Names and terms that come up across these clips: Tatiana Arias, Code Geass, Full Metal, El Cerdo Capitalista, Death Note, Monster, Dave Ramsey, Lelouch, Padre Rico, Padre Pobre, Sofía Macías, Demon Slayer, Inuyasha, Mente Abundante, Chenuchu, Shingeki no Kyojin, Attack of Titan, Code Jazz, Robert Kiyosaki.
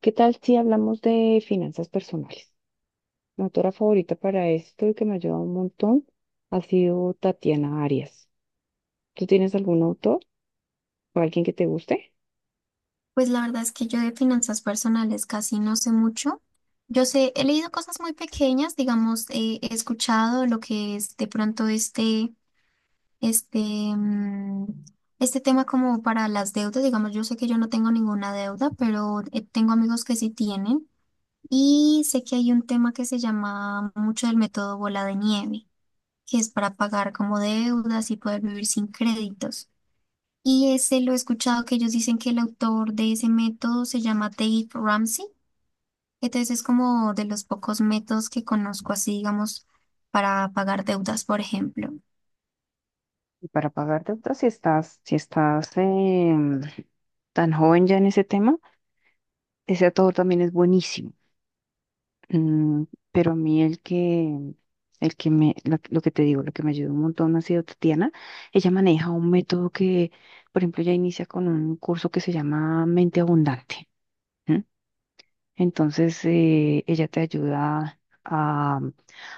¿Qué tal si hablamos de finanzas personales? Mi autora favorita para esto y que me ha ayudado un montón ha sido Tatiana Arias. ¿Tú tienes algún autor o alguien que te guste? Pues la verdad es que yo de finanzas personales casi no sé mucho. Yo sé, he leído cosas muy pequeñas, digamos, he escuchado lo que es de pronto este, mm, este tema como para las deudas. Digamos, yo sé que yo no tengo ninguna deuda, pero tengo amigos que sí tienen. Y sé que hay un tema que se llama mucho del método bola de nieve, que es para pagar como deudas y poder vivir sin créditos. Y ese lo he escuchado que ellos dicen que el autor de ese método se llama Dave Ramsey. Entonces es como de los pocos métodos que conozco así, digamos, para pagar deudas, por ejemplo. Y para pagar deudas, si estás tan joven ya en ese tema, ese autor también es buenísimo. Mm, pero a mí el que me, la- lo, que te digo, lo que me ayudó un montón ha sido Tatiana. Ella maneja un método que, por ejemplo, ella inicia con un curso que se llama Mente Abundante. ¿M? Entonces, ella te ayuda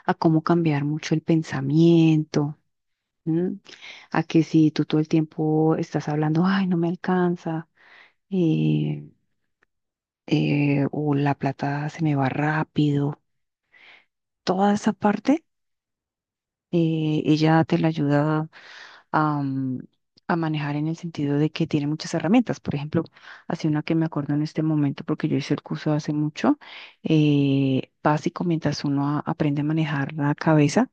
a cómo cambiar mucho el pensamiento, ¿m? A que si tú todo el tiempo estás hablando, ay, no me alcanza, eh, o la plata se me va rápido, toda esa parte. Ella te la ayuda a, mm, a manejar en el sentido de que tiene muchas herramientas. Por ejemplo, así una que me acuerdo en este momento, porque yo hice el curso hace mucho, básico, mientras uno aprende a manejar la cabeza,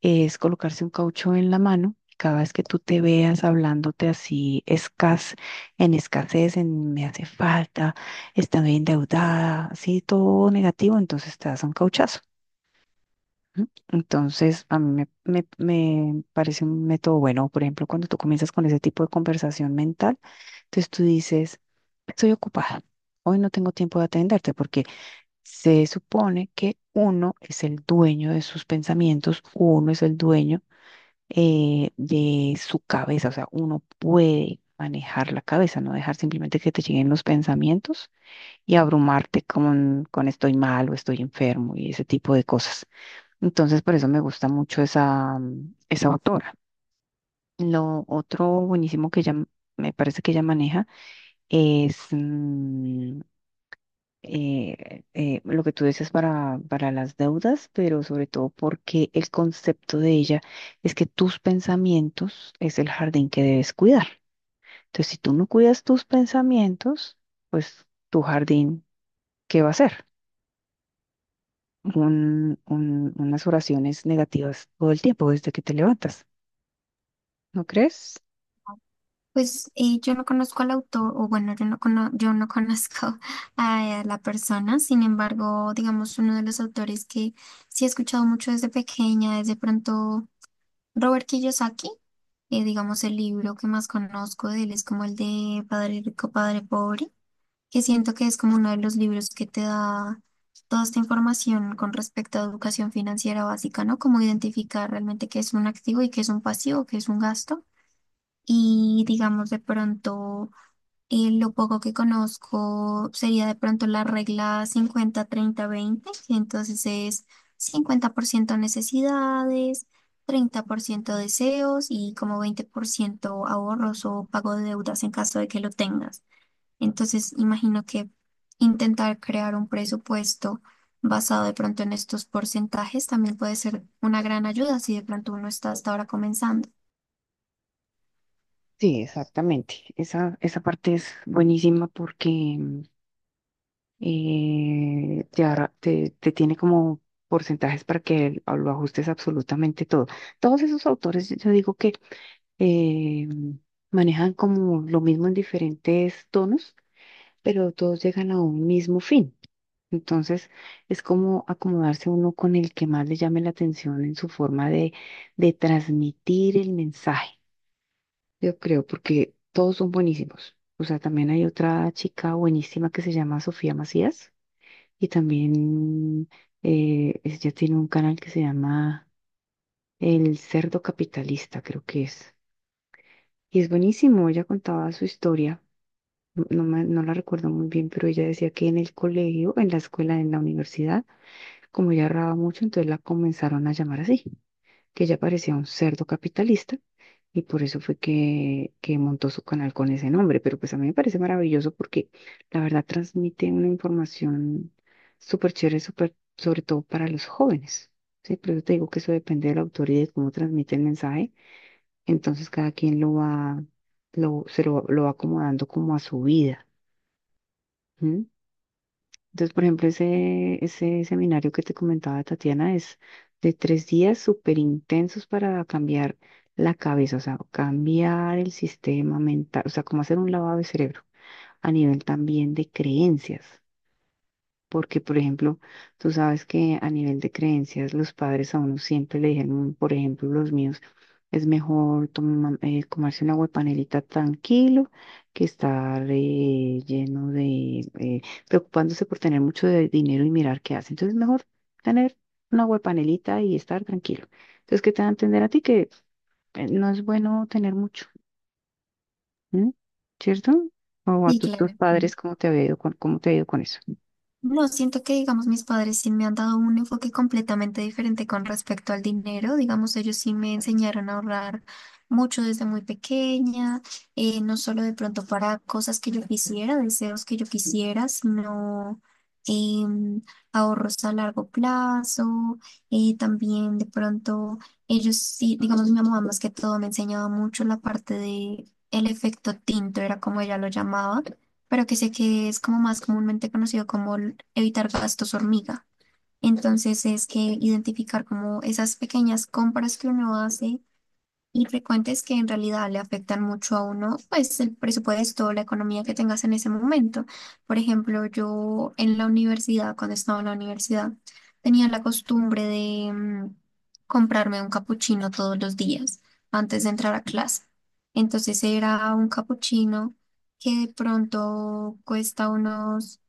es colocarse un caucho en la mano. Cada vez que tú te veas hablándote así, en escasez, en me hace falta, estoy endeudada, así todo negativo, entonces te das un cauchazo. Ujú. Entonces, a mí me parece un método bueno. Por ejemplo, cuando tú comienzas con ese tipo de conversación mental, entonces tú dices, estoy ocupada, hoy no tengo tiempo de atenderte, porque se supone que uno es el dueño de sus pensamientos, uno es el dueño de su cabeza, o sea, uno puede manejar la cabeza, no dejar simplemente que te lleguen los pensamientos y abrumarte con estoy mal o estoy enfermo y ese tipo de cosas. Entonces, por eso me gusta mucho esa autora. Lo otro buenísimo que ella, me parece que ella maneja es lo que tú dices para las deudas, pero sobre todo porque el concepto de ella es que tus pensamientos es el jardín que debes cuidar. Entonces, si tú no cuidas tus pensamientos, pues tu jardín, ¿qué va a ser? Unas oraciones negativas todo el tiempo desde que te levantas, ¿no crees? Pues yo no conozco al autor, o bueno, yo no conozco a la persona. Sin embargo, digamos, uno de los autores que sí he escuchado mucho desde pequeña es de pronto Robert Kiyosaki. Digamos, el libro que más conozco de él es como el de Padre Rico, Padre Pobre, que siento que es como uno de los libros que te da toda esta información con respecto a educación financiera básica, ¿no? Cómo identificar realmente qué es un activo y qué es un pasivo, qué es un gasto. Y digamos de pronto, lo poco que conozco sería de pronto la regla 50 30 20, que entonces es 50% necesidades, 30% deseos y como 20% ahorros o pago de deudas en caso de que lo tengas. Entonces, imagino que intentar crear un presupuesto basado de pronto en estos porcentajes también puede ser una gran ayuda si de pronto uno está hasta ahora comenzando. Sí, exactamente. Esa parte es buenísima porque te tiene como porcentajes para que lo ajustes absolutamente todo. Todos esos autores, yo digo que eh, manejan como lo mismo en diferentes tonos, pero todos llegan a un mismo fin. Entonces, es como acomodarse uno con el que más le llame la atención en su forma de transmitir el mensaje. Yo creo, porque todos son buenísimos. O sea, también hay otra chica buenísima que se llama Sofía Macías y también ella tiene un canal que se llama El Cerdo Capitalista, creo que es. Y es buenísimo, ella contaba su historia, no la recuerdo muy bien, pero ella decía que en el colegio, en la escuela, en la universidad, como ella ahorraba mucho, entonces la comenzaron a llamar así. Que ella parecía un cerdo capitalista y por eso fue que montó su canal con ese nombre. Pero pues a mí me parece maravilloso porque la verdad transmite una información súper chévere, súper, sobre todo para los jóvenes. Sí, pero yo te digo que eso depende del autor y de cómo transmite el mensaje. Entonces cada quien lo va, lo, se lo va acomodando como a su vida. ¿Mm? Entonces, por ejemplo, ese seminario que te comentaba Tatiana es de tres días súper intensos para cambiar la cabeza, o sea, cambiar el sistema mental, o sea, como hacer un lavado de cerebro a nivel también de creencias. Porque, por ejemplo, tú sabes que a nivel de creencias, los padres a uno siempre le dijeron, por ejemplo, los míos, es mejor comerse una panelita tranquilo que estar preocupándose por tener mucho de dinero y mirar qué hace. Entonces, es mejor tener una panelita y estar tranquilo. Entonces, ¿qué te va a entender a ti? Que no es bueno tener mucho, ¿m? ¿Cierto? O a Sí, tus claro. padres, ¿cómo te ha ido cómo te ha ido con eso? No, siento que, digamos, mis padres sí me han dado un enfoque completamente diferente con respecto al dinero. Digamos, ellos sí me enseñaron a ahorrar mucho desde muy pequeña, no solo de pronto para cosas que yo quisiera, deseos que yo quisiera, sino em, ahorros a largo plazo. También de pronto ellos sí, digamos, mi mamá más que todo me enseñaba mucho la parte de... El efecto tinto era como ella lo llamaba, pero que sé que es como más comúnmente conocido como el evitar gastos hormiga. Entonces es que identificar como esas pequeñas compras que uno hace y frecuentes que en realidad le afectan mucho a uno, pues el presupuesto, la economía que tengas en ese momento. Por ejemplo, yo en la universidad, cuando estaba en la universidad, tenía la costumbre de comprarme un capuchino todos los días antes de entrar a clase. Entonces era un capuchino que de pronto cuesta unos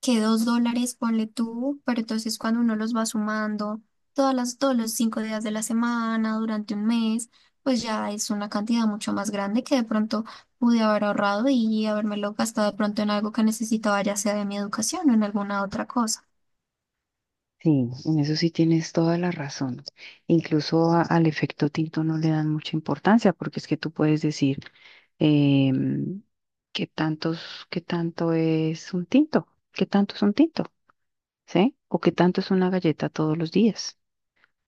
que $2, ponle tú, pero entonces cuando uno los va sumando todos los 5 días de la semana, durante un mes, pues ya es una cantidad mucho más grande que de pronto pude haber ahorrado y habérmelo gastado de pronto en algo que necesitaba, ya sea de mi educación o en alguna otra cosa. Sí, en eso sí tienes toda la razón. Incluso al efecto tinto no le dan mucha importancia porque es que tú puedes decir eh, qué tanto es un tinto, qué tanto es un tinto, ¿sí? O qué tanto es una galleta todos los días.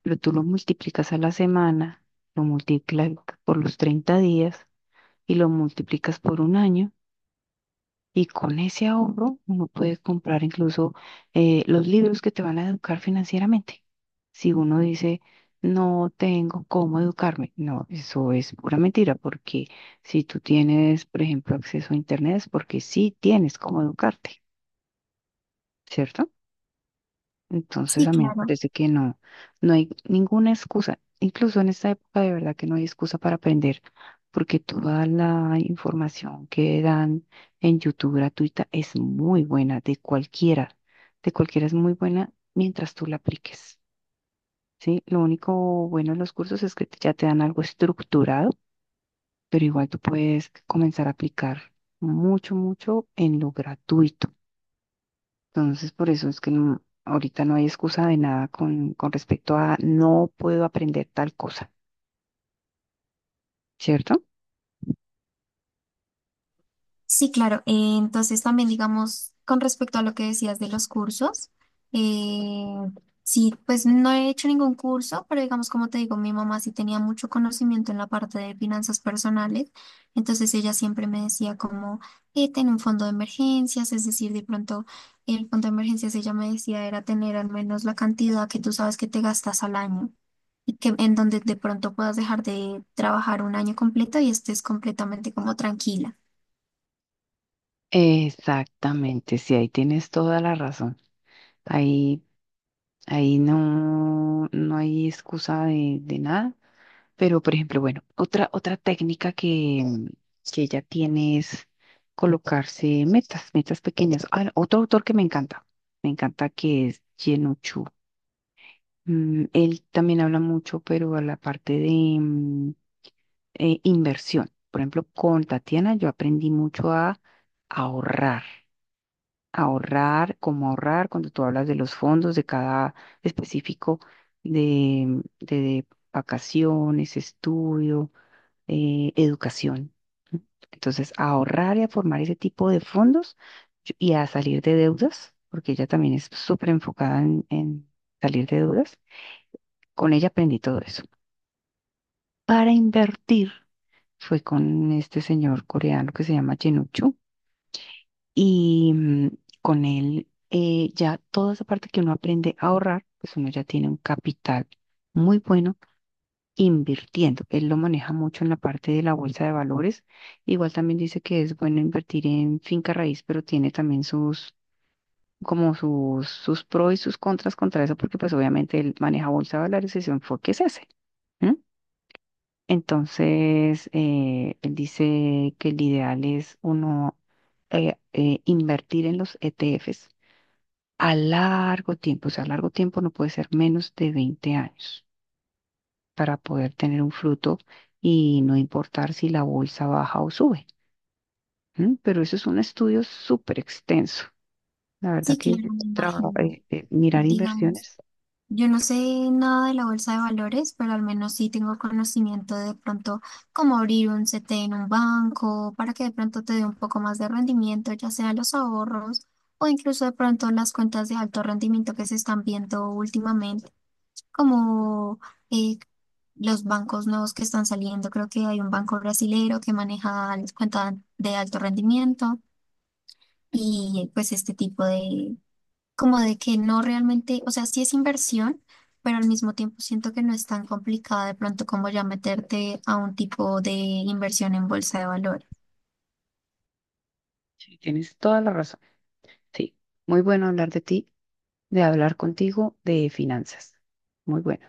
Pero tú lo multiplicas a la semana, lo multiplicas por los 30 días y lo multiplicas por un año. Y con ese ahorro uno puede comprar incluso los libros que te van a educar financieramente. Si uno dice, no tengo cómo educarme, no, eso es pura mentira, porque si tú tienes, por ejemplo, acceso a Internet es porque sí tienes cómo educarte, ¿cierto? Entonces Sí, a mí me claro. parece que no, no hay ninguna excusa. Incluso en esta época de verdad que no hay excusa para aprender, porque toda la información que dan en YouTube gratuita es muy buena, de cualquiera es muy buena mientras tú la apliques, ¿sí? Lo único bueno de los cursos es que ya te dan algo estructurado, pero igual tú puedes comenzar a aplicar mucho, mucho en lo gratuito. Entonces, por eso es que ahorita no hay excusa de nada con respecto a no puedo aprender tal cosa, ¿cierto? Sí, claro. Entonces también, digamos, con respecto a lo que decías de los cursos, eh, sí, pues no he hecho ningún curso, pero digamos, como te digo, mi mamá sí tenía mucho conocimiento en la parte de finanzas personales, entonces ella siempre me decía como, ten un fondo de emergencias, es decir, de pronto el fondo de emergencias, ella me decía, era tener al menos la cantidad que tú sabes que te gastas al año. Y que en donde de pronto puedas dejar de trabajar un año completo y estés completamente como tranquila. Exactamente, sí, ahí tienes toda la razón. Ahí, Ahí no, no hay excusa de nada. Pero, por ejemplo, bueno, otra técnica que ella tiene es colocarse metas, metas pequeñas. Ah, otro autor que me encanta que es Chen. Él también habla mucho, pero a la parte de mm, inversión. Por ejemplo, con Tatiana yo aprendí mucho a ahorrar, ahorrar, cómo ahorrar, cuando tú hablas de los fondos de cada específico de vacaciones, estudio, educación. ¿Sí? Entonces, a ahorrar y a formar ese tipo de fondos y a salir de deudas, porque ella también es súper enfocada en salir de deudas. Con ella aprendí todo eso. Para invertir fue con este señor coreano que se llama Chenuchu y con él ya toda esa parte que uno aprende a ahorrar, pues uno ya tiene un capital muy bueno invirtiendo. Él lo maneja mucho en la parte de la bolsa de valores. Igual también dice que es bueno invertir en finca raíz, pero tiene también sus como sus pros y sus contras contra eso, porque pues obviamente él maneja bolsa de valores y su enfoque es ese. Entonces, él dice que el ideal es uno invertir en los ETFs a largo tiempo. O sea, a largo tiempo no puede ser menos de 20 años para poder tener un fruto y no importar si la bolsa baja o sube. ¿M? Pero eso es un estudio súper extenso. La verdad Sí, que claro, me imagino. Mirar Digamos, inversiones, yo no sé nada de la bolsa de valores, pero al menos sí tengo conocimiento de pronto cómo abrir un CT en un banco para que de pronto te dé un poco más de rendimiento, ya sea los ahorros o incluso de pronto las cuentas de alto rendimiento que se están viendo últimamente, como eh, los bancos nuevos que están saliendo. Creo que hay un banco brasilero que maneja las cuentas de alto rendimiento y pues este tipo de como de que no realmente, o sea, sí es inversión, pero al mismo tiempo siento que no es tan complicada de pronto como ya meterte a un tipo de inversión en bolsa de valores. sí, tienes toda la razón. Sí, muy bueno hablar de ti, de hablar contigo de finanzas. Muy bueno.